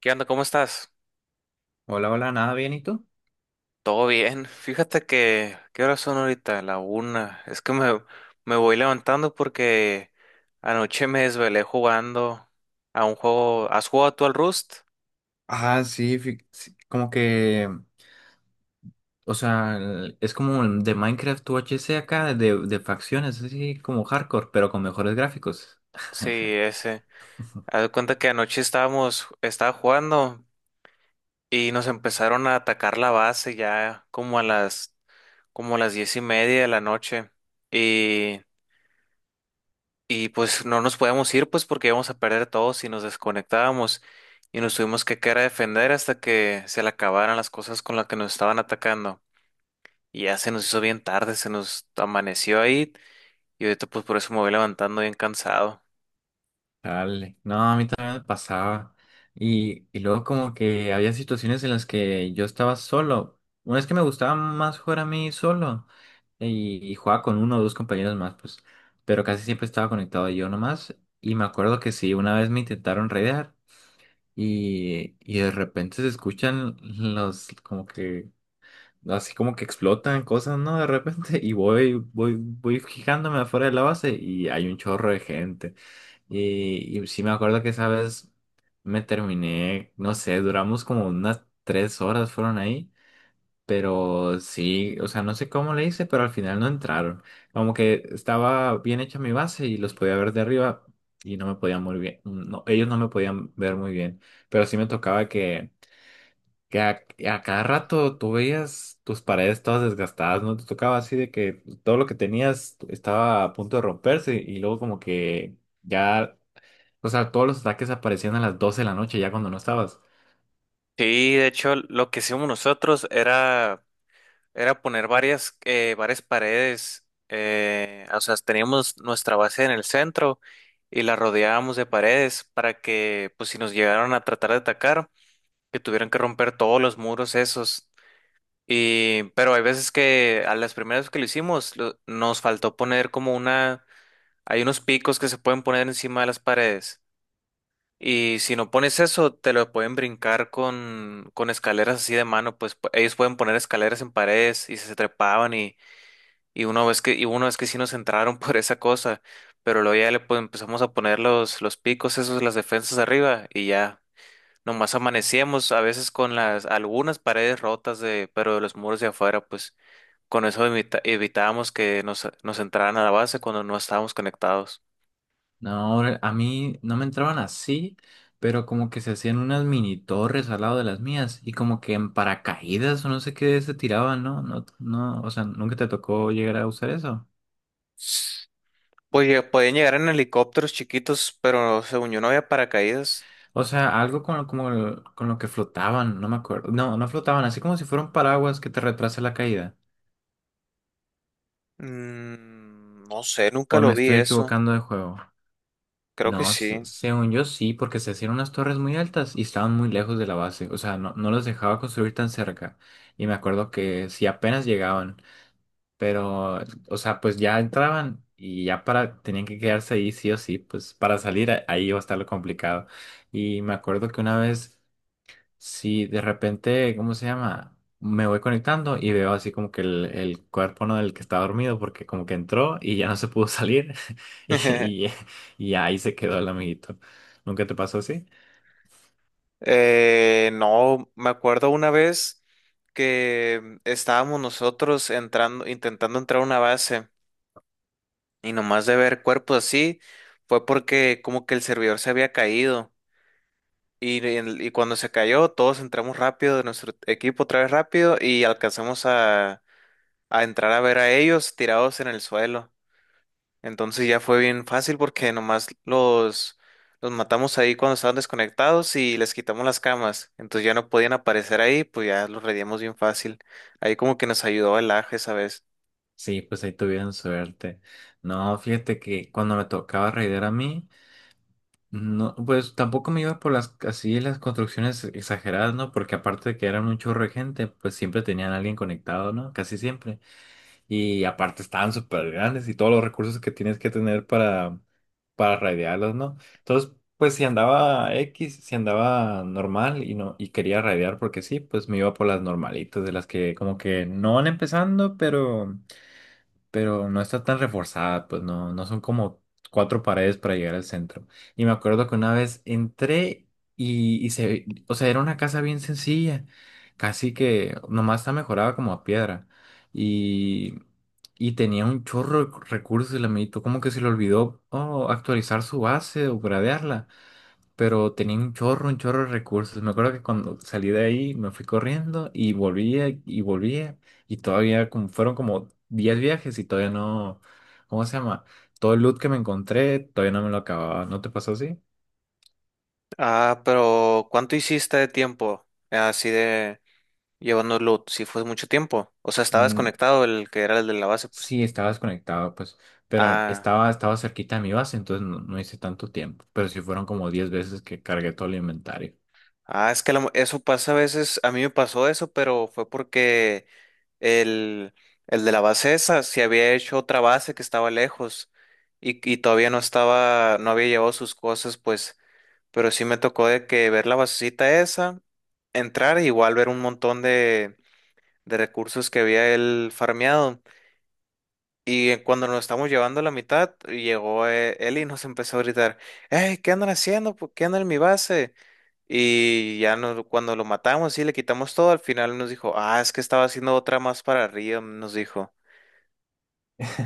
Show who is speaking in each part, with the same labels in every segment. Speaker 1: ¿Qué onda? ¿Cómo estás?
Speaker 2: Hola, hola, nada bien, ¿y tú?
Speaker 1: Todo bien. Fíjate que, ¿qué horas son ahorita? La una. Me voy levantando porque anoche me desvelé jugando a un juego. ¿Has jugado tú al Rust?
Speaker 2: Ah, sí, sí, como que, o sea, es como el de Minecraft UHC acá, de facciones, así como hardcore, pero con mejores gráficos.
Speaker 1: Sí, ese. Haz de cuenta que estaba jugando y nos empezaron a atacar la base ya como a las diez y media de la noche. y Y pues no nos podíamos ir, pues porque íbamos a perder todos si nos desconectábamos y nos tuvimos que quedar a defender hasta que se le acabaran las cosas con las que nos estaban atacando. Y ya se nos hizo bien tarde, se nos amaneció ahí y ahorita pues por eso me voy levantando bien cansado.
Speaker 2: Dale, no, a mí también me pasaba. Y luego como que había situaciones en las que yo estaba solo. Una vez que me gustaba más jugar a mí solo y jugaba con uno o dos compañeros más, pues, pero casi siempre estaba conectado yo nomás. Y me acuerdo que sí, una vez me intentaron raidear. Y de repente se escuchan los como que así como que explotan cosas, ¿no? De repente y voy fijándome afuera de la base y hay un chorro de gente. Y sí me acuerdo que esa vez me terminé, no sé, duramos como unas 3 horas fueron ahí, pero sí, o sea, no sé cómo le hice, pero al final no entraron. Como que estaba bien hecha mi base y los podía ver de arriba y no me podían muy bien. No, ellos no me podían ver muy bien. Pero sí me tocaba que, que a, a cada rato tú veías tus paredes todas desgastadas, ¿no? Te tocaba así de que todo lo que tenías estaba a punto de romperse y luego como que ya, o sea, todos los ataques aparecían a las 12 de la noche ya cuando no estabas.
Speaker 1: Sí, de hecho lo que hicimos nosotros era, era poner varias, varias paredes, o sea, teníamos nuestra base en el centro y la rodeábamos de paredes para que pues si nos llegaron a tratar de atacar que tuvieron que romper todos los muros esos. Y, pero hay veces que a las primeras que lo hicimos nos faltó poner hay unos picos que se pueden poner encima de las paredes. Y si no pones eso, te lo pueden brincar con escaleras así de mano, pues ellos pueden poner escaleras en paredes y se trepaban y, y una vez que sí nos entraron por esa cosa, pero luego ya le pues, empezamos a poner los picos, esos, las defensas arriba y ya. Nomás amanecíamos a veces con las algunas paredes rotas de, pero de los muros de afuera, pues con eso evitábamos que nos entraran a la base cuando no estábamos conectados.
Speaker 2: No, a mí no me entraban así, pero como que se hacían unas mini torres al lado de las mías y como que en paracaídas o no sé qué se tiraban, ¿no? No, no, o sea, nunca te tocó llegar a usar eso.
Speaker 1: Pues ya podían llegar en helicópteros chiquitos, pero según yo no había paracaídas.
Speaker 2: O sea, algo con, como con lo que flotaban, no me acuerdo. No, no flotaban, así como si fueran paraguas que te retrasa la caída.
Speaker 1: No sé, nunca
Speaker 2: O me
Speaker 1: lo vi
Speaker 2: estoy
Speaker 1: eso.
Speaker 2: equivocando de juego.
Speaker 1: Creo que
Speaker 2: No,
Speaker 1: sí.
Speaker 2: según yo sí, porque se hacían unas torres muy altas y estaban muy lejos de la base. O sea, no, no los dejaba construir tan cerca. Y me acuerdo que si apenas llegaban. Pero, o sea, pues ya entraban y ya para, tenían que quedarse ahí sí o sí, pues para salir ahí iba a estar lo complicado. Y me acuerdo que una vez, sí, de repente, ¿cómo se llama? Me voy conectando y veo así como que el cuerpo no del que estaba dormido porque como que entró y ya no se pudo salir. y, y, y ahí se quedó el amiguito. ¿Nunca te pasó así?
Speaker 1: No, me acuerdo una vez que estábamos nosotros intentando entrar a una base. Y nomás de ver cuerpos así, fue porque como que el servidor se había caído. Y, y cuando se cayó, todos entramos rápido de nuestro equipo otra vez rápido y alcanzamos a entrar a ver a ellos tirados en el suelo. Entonces ya fue bien fácil porque nomás los matamos ahí cuando estaban desconectados y les quitamos las camas. Entonces ya no podían aparecer ahí, pues ya los reíamos bien fácil. Ahí como que nos ayudó el aje esa vez.
Speaker 2: Sí, pues ahí tuvieron suerte. No, fíjate que cuando me tocaba raidear a mí, no, pues tampoco me iba por las así las construcciones exageradas, ¿no? Porque aparte de que eran un chorro de gente, pues siempre tenían a alguien conectado, ¿no? Casi siempre. Y aparte estaban súper grandes y todos los recursos que tienes que tener para, raidearlos, ¿no? Entonces, pues si andaba X, si andaba normal y no, y quería raidear porque sí, pues me iba por las normalitas, de las que como que no van empezando, pero no está tan reforzada, pues no, no son como cuatro paredes para llegar al centro. Y me acuerdo que una vez entré y o sea, era una casa bien sencilla, casi que nomás está mejorada como a piedra. Y, y tenía un chorro de recursos el amiguito, como que se le olvidó, oh, actualizar su base o gradearla, pero tenía un chorro, de recursos. Me acuerdo que cuando salí de ahí me fui corriendo y volvía y volvía y todavía como, fueron como 10 viajes y todavía no, ¿cómo se llama? Todo el loot que me encontré todavía no me lo acababa. ¿No te pasó así?
Speaker 1: Ah, pero ¿cuánto hiciste de tiempo? Así de... Llevándolo, si fue mucho tiempo. O sea, estaba
Speaker 2: Mm,
Speaker 1: desconectado el que era el de la base, pues.
Speaker 2: sí, estaba desconectado, pues, pero
Speaker 1: Ah,
Speaker 2: estaba cerquita de mi base, entonces no, no hice tanto tiempo, pero sí fueron como 10 veces que cargué todo el inventario.
Speaker 1: ah, eso pasa a veces. A mí me pasó eso, pero fue porque el, el de la base esa se había hecho otra base que estaba lejos y todavía no estaba, no había llevado sus cosas, pues. Pero sí me tocó de que ver la basecita esa, entrar, e igual ver un montón de recursos que había él farmeado. Y cuando nos estamos llevando a la mitad, llegó él y nos empezó a gritar, ¡Ey! ¿Qué andan haciendo? ¿Por qué andan en mi base? Y cuando lo matamos y le quitamos todo, al final nos dijo, ah, es que estaba haciendo otra más para arriba, nos dijo.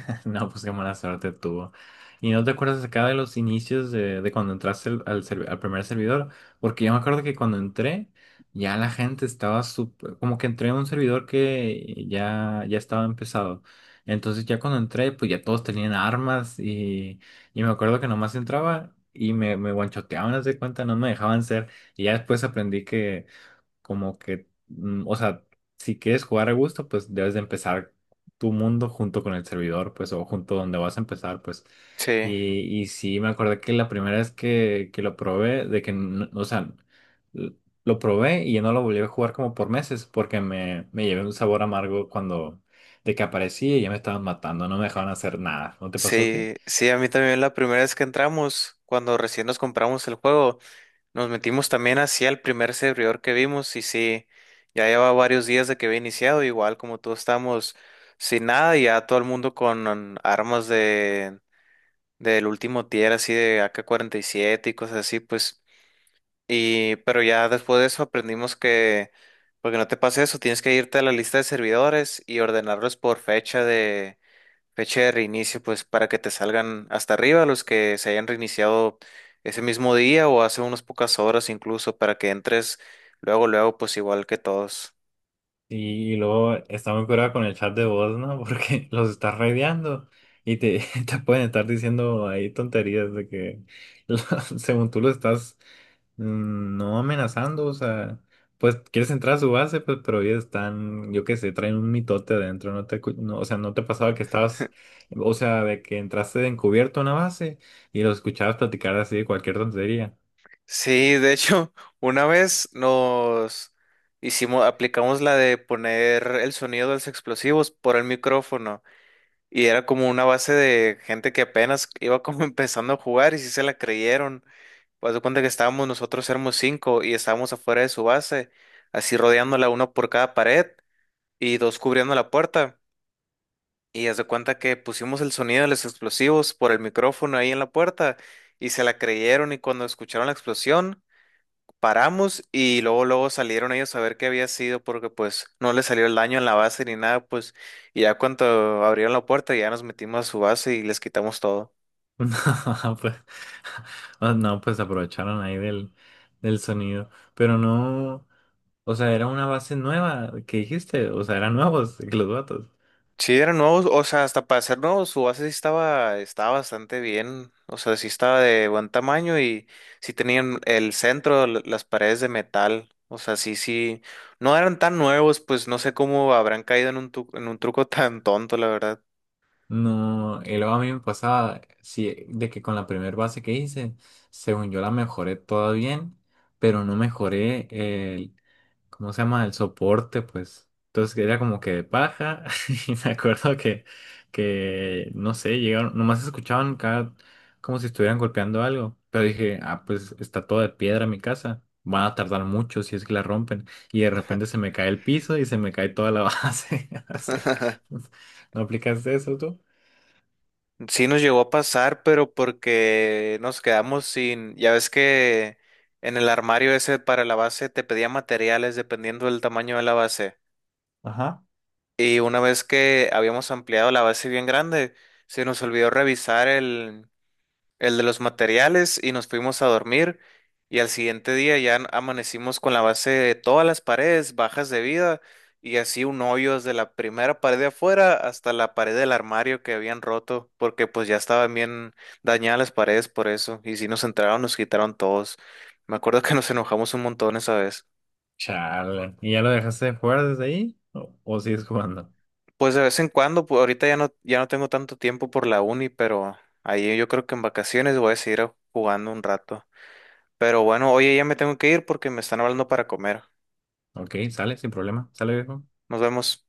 Speaker 2: No, pues qué mala suerte tuvo. ¿Y no te acuerdas acá de los inicios de cuando entraste al, al primer servidor? Porque yo me acuerdo que cuando entré, ya la gente estaba súper, como que entré a un servidor que ya, estaba empezado. Entonces ya cuando entré, pues ya todos tenían armas y me acuerdo que nomás entraba y me guanchoteaban, haz de cuenta, no me dejaban ser. Y ya después aprendí como que, o sea, si quieres jugar a gusto, pues debes de empezar tu mundo junto con el servidor, pues, o junto donde vas a empezar, pues.
Speaker 1: Sí,
Speaker 2: Y sí, me acordé que la primera vez que lo probé, de que, o sea, l- lo probé y ya no lo volví a jugar como por meses, porque me llevé un sabor amargo cuando, de que aparecía y ya me estaban matando, no me dejaban hacer nada. ¿No te pasó a ti?
Speaker 1: sí, sí, a mí también la primera vez que entramos, cuando recién nos compramos el juego, nos metimos también hacia el primer servidor que vimos y sí, ya lleva varios días de que había iniciado, igual como todos estamos sin nada y ya todo el mundo con armas de del último tier así de AK-47 y siete y cosas así, pues. Y, pero ya después de eso aprendimos que, porque no te pase eso, tienes que irte a la lista de servidores y ordenarlos por fecha de reinicio, pues para que te salgan hasta arriba los que se hayan reiniciado ese mismo día o hace unas pocas horas incluso, para que entres luego, luego, pues igual que todos.
Speaker 2: Sí, y luego está muy curado con el chat de voz, ¿no? Porque los estás raideando y te, te pueden estar diciendo ahí tonterías de que lo- según tú lo estás no amenazando, o sea, pues quieres entrar a su base, pues pero ellos están, yo qué sé, traen un mitote adentro, no te, no, o sea, no te pasaba que estabas, o sea, de que entraste de encubierto a una base y los escuchabas platicar así de cualquier tontería.
Speaker 1: Sí, de hecho, una vez aplicamos la de poner el sonido de los explosivos por el micrófono y era como una base de gente que apenas iba como empezando a jugar y sí se la creyeron. Pues, haz de cuenta que estábamos nosotros, éramos cinco y estábamos afuera de su base, así rodeándola uno por cada pared y dos cubriendo la puerta. Y haz de cuenta que pusimos el sonido de los explosivos por el micrófono ahí en la puerta y se la creyeron y cuando escucharon la explosión. Paramos y luego, luego salieron ellos a ver qué había sido porque pues no les salió el daño en la base ni nada, pues y ya cuando abrieron la puerta ya nos metimos a su base y les quitamos todo.
Speaker 2: No, pues, ah, no, pues aprovecharon ahí del sonido, pero no, o sea, era una base nueva que dijiste, o sea, eran nuevos los vatos.
Speaker 1: Sí, eran nuevos, o sea, hasta para ser nuevos, su base sí estaba bastante bien, o sea, sí estaba de buen tamaño y sí tenían el centro, las paredes de metal, o sea, sí, sí, no eran tan nuevos, pues no sé cómo habrán caído en en un truco tan tonto, la verdad.
Speaker 2: No, y luego a mí me pasaba, sí, de que con la primera base que hice, según yo la mejoré toda bien, pero no mejoré, ¿cómo se llama? El soporte, pues. Entonces era como que de paja y me acuerdo que no sé, llegaron, nomás escuchaban cada, como si estuvieran golpeando algo. Pero dije, ah, pues está todo de piedra mi casa. Van a tardar mucho si es que la rompen. Y de repente se me cae el piso y se me cae toda la base. Así. ¿No aplicaste eso tú?
Speaker 1: Sí nos llegó a pasar, pero porque nos quedamos sin, ya ves que en el armario ese para la base te pedía materiales dependiendo del tamaño de la base.
Speaker 2: Ajá.
Speaker 1: Y una vez que habíamos ampliado la base bien grande, se nos olvidó revisar el de los materiales y nos fuimos a dormir y al siguiente día ya amanecimos con la base de todas las paredes bajas de vida y así un hoyo desde la primera pared de afuera hasta la pared del armario que habían roto porque pues ya estaban bien dañadas las paredes por eso y si nos entraron nos quitaron todos. Me acuerdo que nos enojamos un montón esa vez.
Speaker 2: Chale. ¿Y ya lo dejaste de jugar desde ahí? ¿O sigues jugando?
Speaker 1: Pues de vez en cuando, pues ahorita ya no, ya no tengo tanto tiempo por la uni, pero ahí yo creo que en vacaciones voy a seguir jugando un rato. Pero bueno, oye, ya me tengo que ir porque me están hablando para comer.
Speaker 2: Ok, sale, sin problema. Sale, viejo.
Speaker 1: Nos vemos.